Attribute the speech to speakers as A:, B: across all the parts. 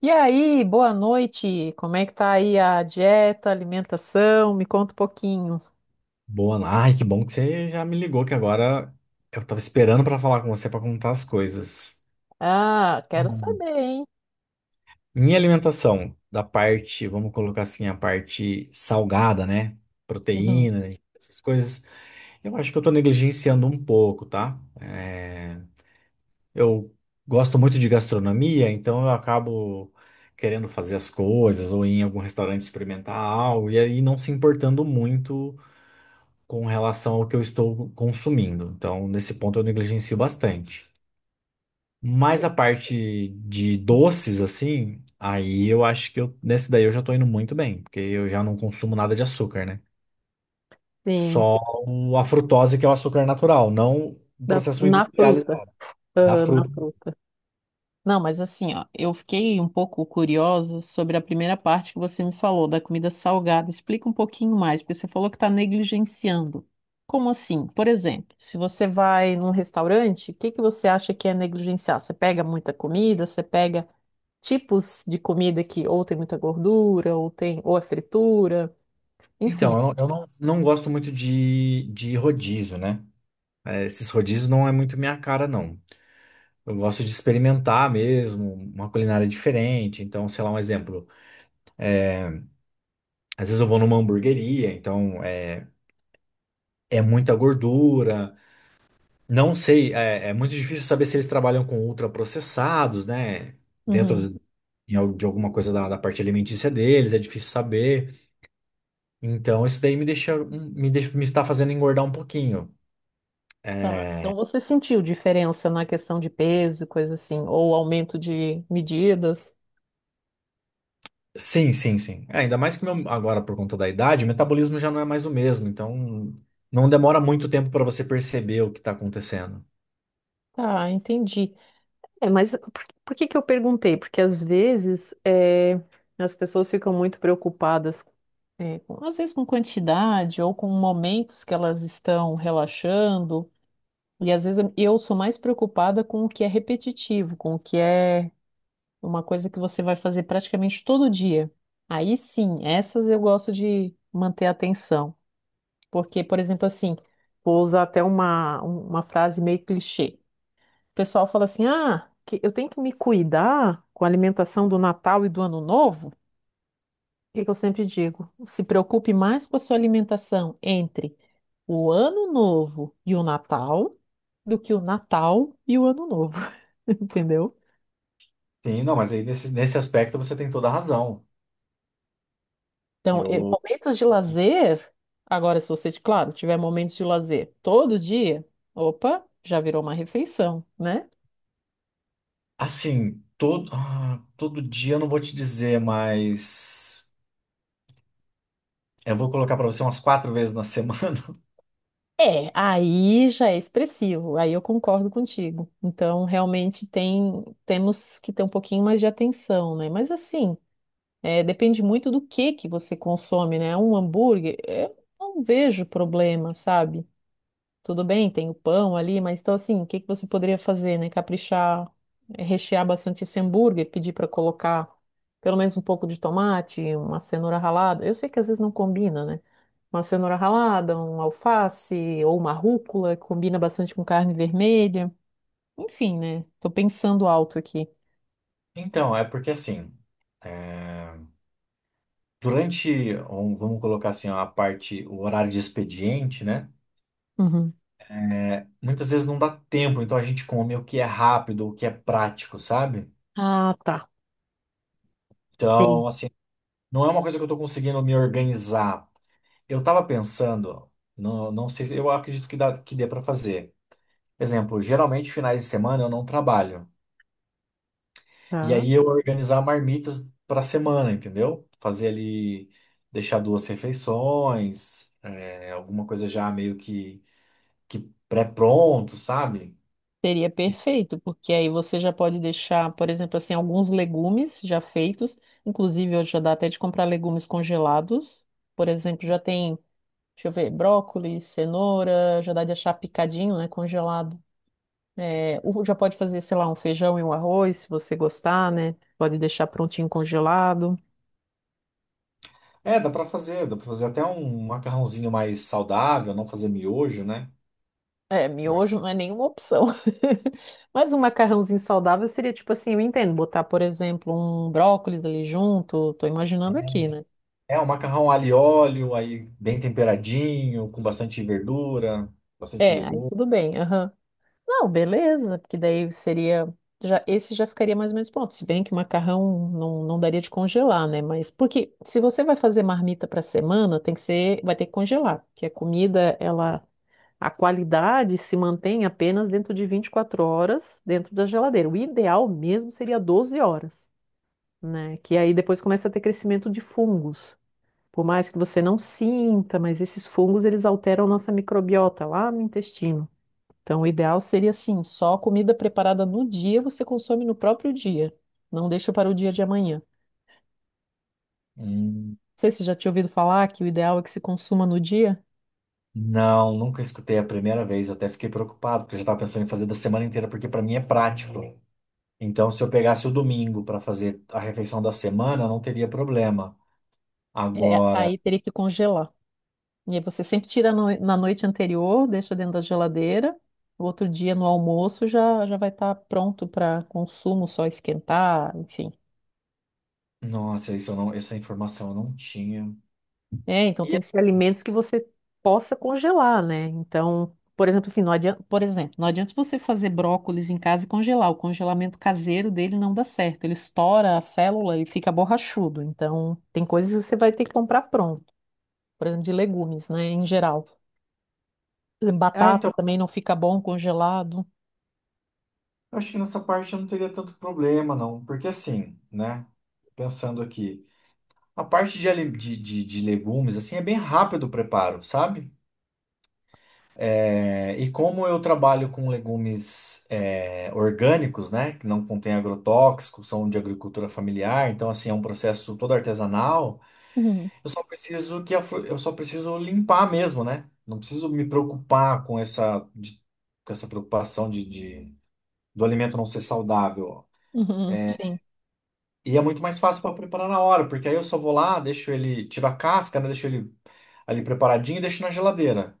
A: E aí, boa noite. Como é que tá aí a dieta, alimentação? Me conta um pouquinho.
B: Boa, ai, que bom que você já me ligou, que agora eu tava esperando pra falar com você pra contar as coisas.
A: Ah, quero
B: Bom.
A: saber, hein?
B: Minha alimentação, da parte, vamos colocar assim, a parte salgada, né? Proteína, e essas coisas, eu acho que eu tô negligenciando um pouco, tá? Eu gosto muito de gastronomia, então eu acabo querendo fazer as coisas ou ir em algum restaurante experimentar algo e aí não se importando muito com relação ao que eu estou consumindo. Então, nesse ponto eu negligencio bastante. Mas a parte de
A: Uhum.
B: doces, assim, aí eu acho que nesse daí eu já tô indo muito bem, porque eu já não consumo nada de açúcar, né?
A: Sim,
B: Só a frutose, que é o açúcar natural, não o processo
A: na fruta.
B: industrializado da
A: Aham, na
B: fruta.
A: fruta. Não, mas assim, ó, eu fiquei um pouco curiosa sobre a primeira parte que você me falou da comida salgada. Explica um pouquinho mais, porque você falou que está negligenciando. Como assim? Por exemplo, se você vai num restaurante, o que que você acha que é negligenciar? Você pega muita comida? Você pega tipos de comida que ou tem muita gordura, ou tem, ou é fritura,
B: Então,
A: enfim.
B: eu não, não gosto muito de rodízio, né? É, esses rodízios não é muito minha cara, não. Eu gosto de experimentar mesmo, uma culinária diferente. Então, sei lá, um exemplo. Às vezes eu vou numa hamburgueria, é muita gordura. Não sei, é muito difícil saber se eles trabalham com ultraprocessados, né?
A: Uhum,
B: Dentro de, de alguma coisa da parte alimentícia deles, é difícil saber. Então isso daí me deixa, me está fazendo engordar um pouquinho.
A: tá. Então você sentiu diferença na questão de peso, e coisa assim, ou aumento de medidas?
B: Sim, sim, sim. É, ainda mais que meu, agora por conta da idade, o metabolismo já não é mais o mesmo. Então não demora muito tempo para você perceber o que está acontecendo.
A: Tá, entendi. É, mas por que que eu perguntei? Porque às vezes é, as pessoas ficam muito preocupadas, é, às vezes com quantidade ou com momentos que elas estão relaxando. E às vezes eu sou mais preocupada com o que é repetitivo, com o que é uma coisa que você vai fazer praticamente todo dia. Aí sim, essas eu gosto de manter a atenção. Porque, por exemplo, assim, vou usar até uma frase meio clichê. O pessoal fala assim: ah, que eu tenho que me cuidar com a alimentação do Natal e do Ano Novo. O que que eu sempre digo? Se preocupe mais com a sua alimentação entre o Ano Novo e o Natal do que o Natal e o Ano Novo. Entendeu?
B: Sim, não, mas aí nesse aspecto você tem toda a razão.
A: Então,
B: Eu...
A: momentos de lazer. Agora, se você, claro, tiver momentos de lazer todo dia, opa, já virou uma refeição, né?
B: Assim, todo dia eu não vou te dizer, mas eu vou colocar pra você umas quatro vezes na semana.
A: É, aí já é expressivo, aí eu concordo contigo. Então, realmente temos que ter um pouquinho mais de atenção, né? Mas assim, é, depende muito do que você consome, né? Um hambúrguer, eu não vejo problema, sabe? Tudo bem, tem o pão ali, mas então assim, o que que você poderia fazer, né? Caprichar, rechear bastante esse hambúrguer, pedir para colocar pelo menos um pouco de tomate, uma cenoura ralada. Eu sei que às vezes não combina, né? Uma cenoura ralada, um alface ou uma rúcula, que combina bastante com carne vermelha. Enfim, né? Tô pensando alto aqui.
B: Então, é porque assim, é, vamos colocar assim, a parte, o horário de expediente, né?
A: Uhum.
B: Muitas vezes não dá tempo, então a gente come o que é rápido, o que é prático, sabe?
A: Ah, tá. Tem,
B: Então, assim, não é uma coisa que eu tô conseguindo me organizar. Eu tava pensando, não, não sei, eu acredito que que dê pra fazer. Exemplo, geralmente finais de semana eu não trabalho. E
A: tá?
B: aí eu organizar marmitas para semana, entendeu? Fazer ali, deixar duas refeições, é, alguma coisa já meio que pré-pronto, sabe?
A: Seria
B: E-
A: perfeito, porque aí você já pode deixar, por exemplo, assim, alguns legumes já feitos. Inclusive, hoje já dá até de comprar legumes congelados. Por exemplo, já tem, deixa eu ver, brócolis, cenoura, já dá de achar picadinho, né, congelado. É, já pode fazer, sei lá, um feijão e um arroz, se você gostar, né? Pode deixar prontinho congelado.
B: É, dá para fazer até um macarrãozinho mais saudável, não fazer miojo, né?
A: É, miojo não é nenhuma opção. Mas um macarrãozinho saudável seria tipo assim, eu entendo, botar, por exemplo, um brócolis ali junto, tô imaginando aqui, né?
B: É, um macarrão alho e óleo, aí bem temperadinho, com bastante verdura, bastante
A: É, aí
B: legume.
A: tudo bem. Aham. Não, beleza, porque daí seria. Já, esse já ficaria mais ou menos pronto. Se bem que o macarrão não daria de congelar, né? Mas porque se você vai fazer marmita para semana, tem que ser, vai ter que congelar, porque a comida, ela, a qualidade se mantém apenas dentro de 24 horas dentro da geladeira. O ideal mesmo seria 12 horas, né? Que aí depois começa a ter crescimento de fungos. Por mais que você não sinta, mas esses fungos eles alteram nossa microbiota lá no intestino. Então, o ideal seria assim, só comida preparada no dia você consome no próprio dia. Não deixa para o dia de amanhã. Não
B: Hum.
A: sei se você já tinha ouvido falar que o ideal é que se consuma no dia.
B: Não, nunca escutei a primeira vez, até fiquei preocupado, porque eu já estava pensando em fazer da semana inteira, porque para mim é prático. Então, se eu pegasse o domingo para fazer a refeição da semana, não teria problema.
A: É,
B: Agora,
A: aí teria que congelar. E aí você sempre tira na noite anterior, deixa dentro da geladeira. No outro dia, no almoço, já vai estar pronto para consumo, só esquentar, enfim.
B: nossa, isso eu não, essa informação eu não tinha.
A: É, então
B: E,
A: tem que ser alimentos que você possa congelar, né? Então, por exemplo, assim, não adianta, por exemplo, não adianta você fazer brócolis em casa e congelar. O congelamento caseiro dele não dá certo. Ele estoura a célula e fica borrachudo. Então, tem coisas que você vai ter que comprar pronto. Por exemplo, de legumes, né? Em geral. Por exemplo,
B: ah,
A: batata
B: então,
A: também não fica bom congelado.
B: eu acho que nessa parte eu não teria tanto problema, não. Porque assim, né? Pensando aqui, a parte de legumes, assim, é bem rápido o preparo, sabe? É, e como eu trabalho com legumes é, orgânicos, né? Que não contém agrotóxicos, são de agricultura familiar, então, assim, é um processo todo artesanal.
A: Uhum,
B: Eu só preciso limpar mesmo, né? Não preciso me preocupar com essa preocupação do alimento não ser saudável.
A: uhum, sim.
B: E é muito mais fácil para preparar na hora, porque aí eu só vou lá, deixo ele, tiro a casca, né? Deixo ele ali preparadinho e deixo na geladeira.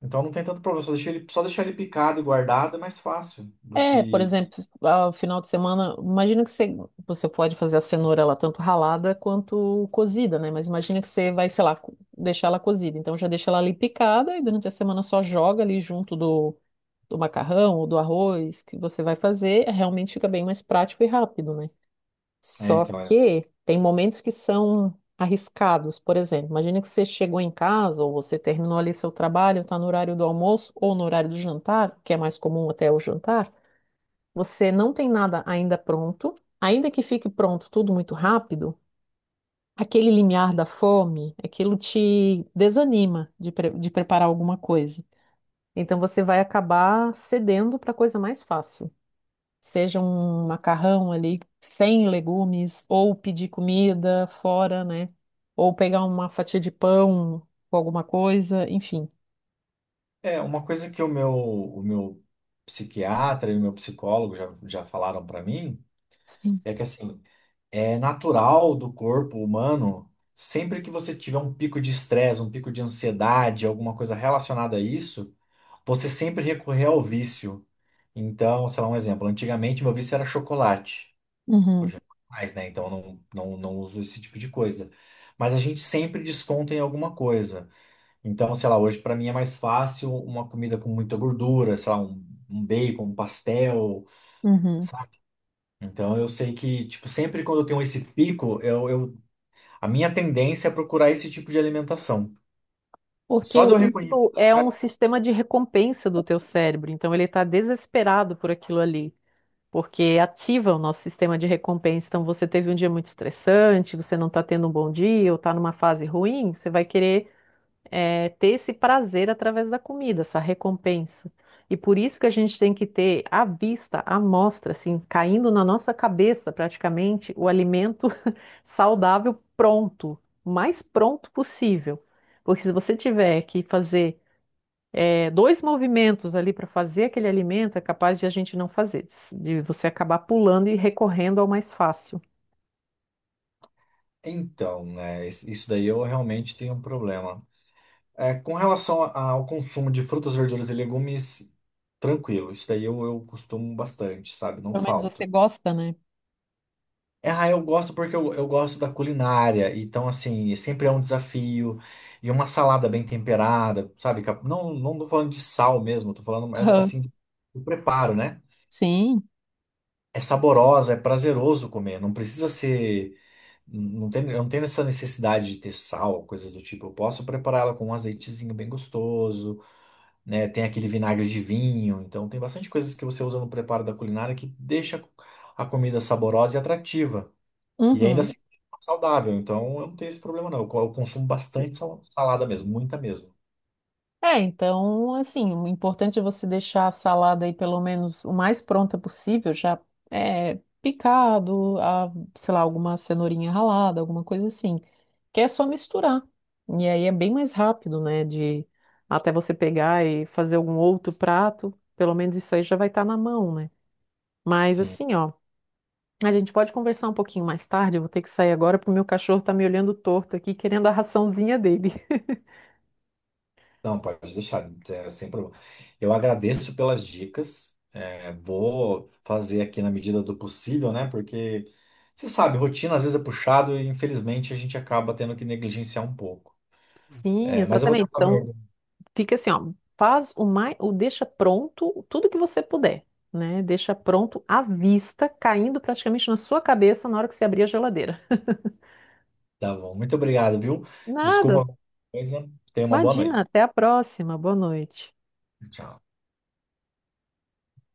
B: Então não tem tanto problema, só deixar ele picado e guardado é mais fácil do
A: É, por
B: que
A: exemplo, ao final de semana, imagina que você pode fazer a cenoura ela tanto ralada quanto cozida, né? Mas imagina que você vai, sei lá, deixar ela cozida. Então já deixa ela ali picada e durante a semana só joga ali junto do macarrão ou do arroz que você vai fazer. É, realmente fica bem mais prático e rápido, né?
B: é,
A: Só
B: então é.
A: que tem momentos que são arriscados. Por exemplo, imagina que você chegou em casa ou você terminou ali seu trabalho, está no horário do almoço ou no horário do jantar, que é mais comum até o jantar. Você não tem nada ainda pronto, ainda que fique pronto tudo muito rápido, aquele limiar da fome, aquilo te desanima de preparar alguma coisa. Então você vai acabar cedendo para coisa mais fácil, seja um macarrão ali sem legumes, ou pedir comida fora, né? Ou pegar uma fatia de pão com alguma coisa, enfim.
B: É, uma coisa que o meu psiquiatra e o meu psicólogo já falaram para mim
A: Sim.
B: é que assim é natural do corpo humano, sempre que você tiver um pico de estresse, um pico de ansiedade, alguma coisa relacionada a isso, você sempre recorrer ao vício. Então, sei lá, um exemplo. Antigamente meu vício era chocolate.
A: Uhum,
B: Hoje é mais, né? Então eu não, não, não uso esse tipo de coisa. Mas a gente sempre desconta em alguma coisa. Então, sei lá, hoje para mim é mais fácil uma comida com muita gordura, sei lá, um bacon, um pastel,
A: uhum.
B: sabe? Então eu sei que, tipo, sempre quando eu tenho esse pico, eu a minha tendência é procurar esse tipo de alimentação.
A: Porque
B: Só de eu... Uhum. Reconhecer.
A: isso é um sistema de recompensa do teu cérebro, então ele está desesperado por aquilo ali, porque ativa o nosso sistema de recompensa. Então você teve um dia muito estressante, você não está tendo um bom dia, ou está numa fase ruim, você vai querer ter esse prazer através da comida, essa recompensa. E por isso que a gente tem que ter à vista, à mostra, assim, caindo na nossa cabeça praticamente o alimento saudável pronto, o mais pronto possível. Porque se você tiver que fazer 2 movimentos ali para fazer aquele alimento, é capaz de a gente não fazer, de você acabar pulando e recorrendo ao mais fácil.
B: Então, né, isso daí eu realmente tenho um problema. É, com relação ao consumo de frutas, verduras e legumes, tranquilo. Isso daí eu costumo bastante, sabe? Não
A: Pelo menos você
B: falta.
A: gosta, né?
B: É, ah, eu gosto porque eu gosto da culinária. Então, assim, sempre é um desafio. E uma salada bem temperada, sabe? Não, não tô falando de sal mesmo, tô falando mas,
A: Aham.
B: assim, do preparo, né?
A: Sim.
B: É saborosa, é prazeroso comer. Não precisa ser. Não tem, eu não tenho essa necessidade de ter sal, coisas do tipo. Eu posso prepará-la com um azeitezinho bem gostoso, né? Tem aquele vinagre de vinho. Então, tem bastante coisas que você usa no preparo da culinária que deixa a comida saborosa e atrativa. E ainda assim,
A: Uhum.
B: é saudável. Então, eu não tenho esse problema, não. Eu consumo bastante salada mesmo, muita mesmo.
A: É, então, assim, o importante é você deixar a salada aí pelo menos o mais pronta possível, já é, picado, a, sei lá, alguma cenourinha ralada, alguma coisa assim, que é só misturar. E aí é bem mais rápido, né, de até você pegar e fazer algum outro prato, pelo menos isso aí já vai estar na mão, né? Mas
B: Sim.
A: assim, ó, a gente pode conversar um pouquinho mais tarde, eu vou ter que sair agora porque o meu cachorro tá me olhando torto aqui, querendo a raçãozinha dele.
B: Não, pode deixar, é, sem problema. Eu agradeço pelas dicas. É, vou fazer aqui na medida do possível, né? Porque você sabe, rotina às vezes é puxado e infelizmente a gente acaba tendo que negligenciar um pouco.
A: Sim,
B: É, mas eu vou
A: exatamente.
B: tentar me
A: Então,
B: organizar.
A: fica assim, ó, faz o mais, o deixa pronto tudo que você puder, né? Deixa pronto à vista, caindo praticamente na sua cabeça na hora que você abrir a geladeira.
B: Tá bom. Muito obrigado, viu?
A: Nada.
B: Desculpa qualquer coisa. Tenha uma boa
A: Imagina,
B: noite.
A: até a próxima. Boa noite.
B: Tchau.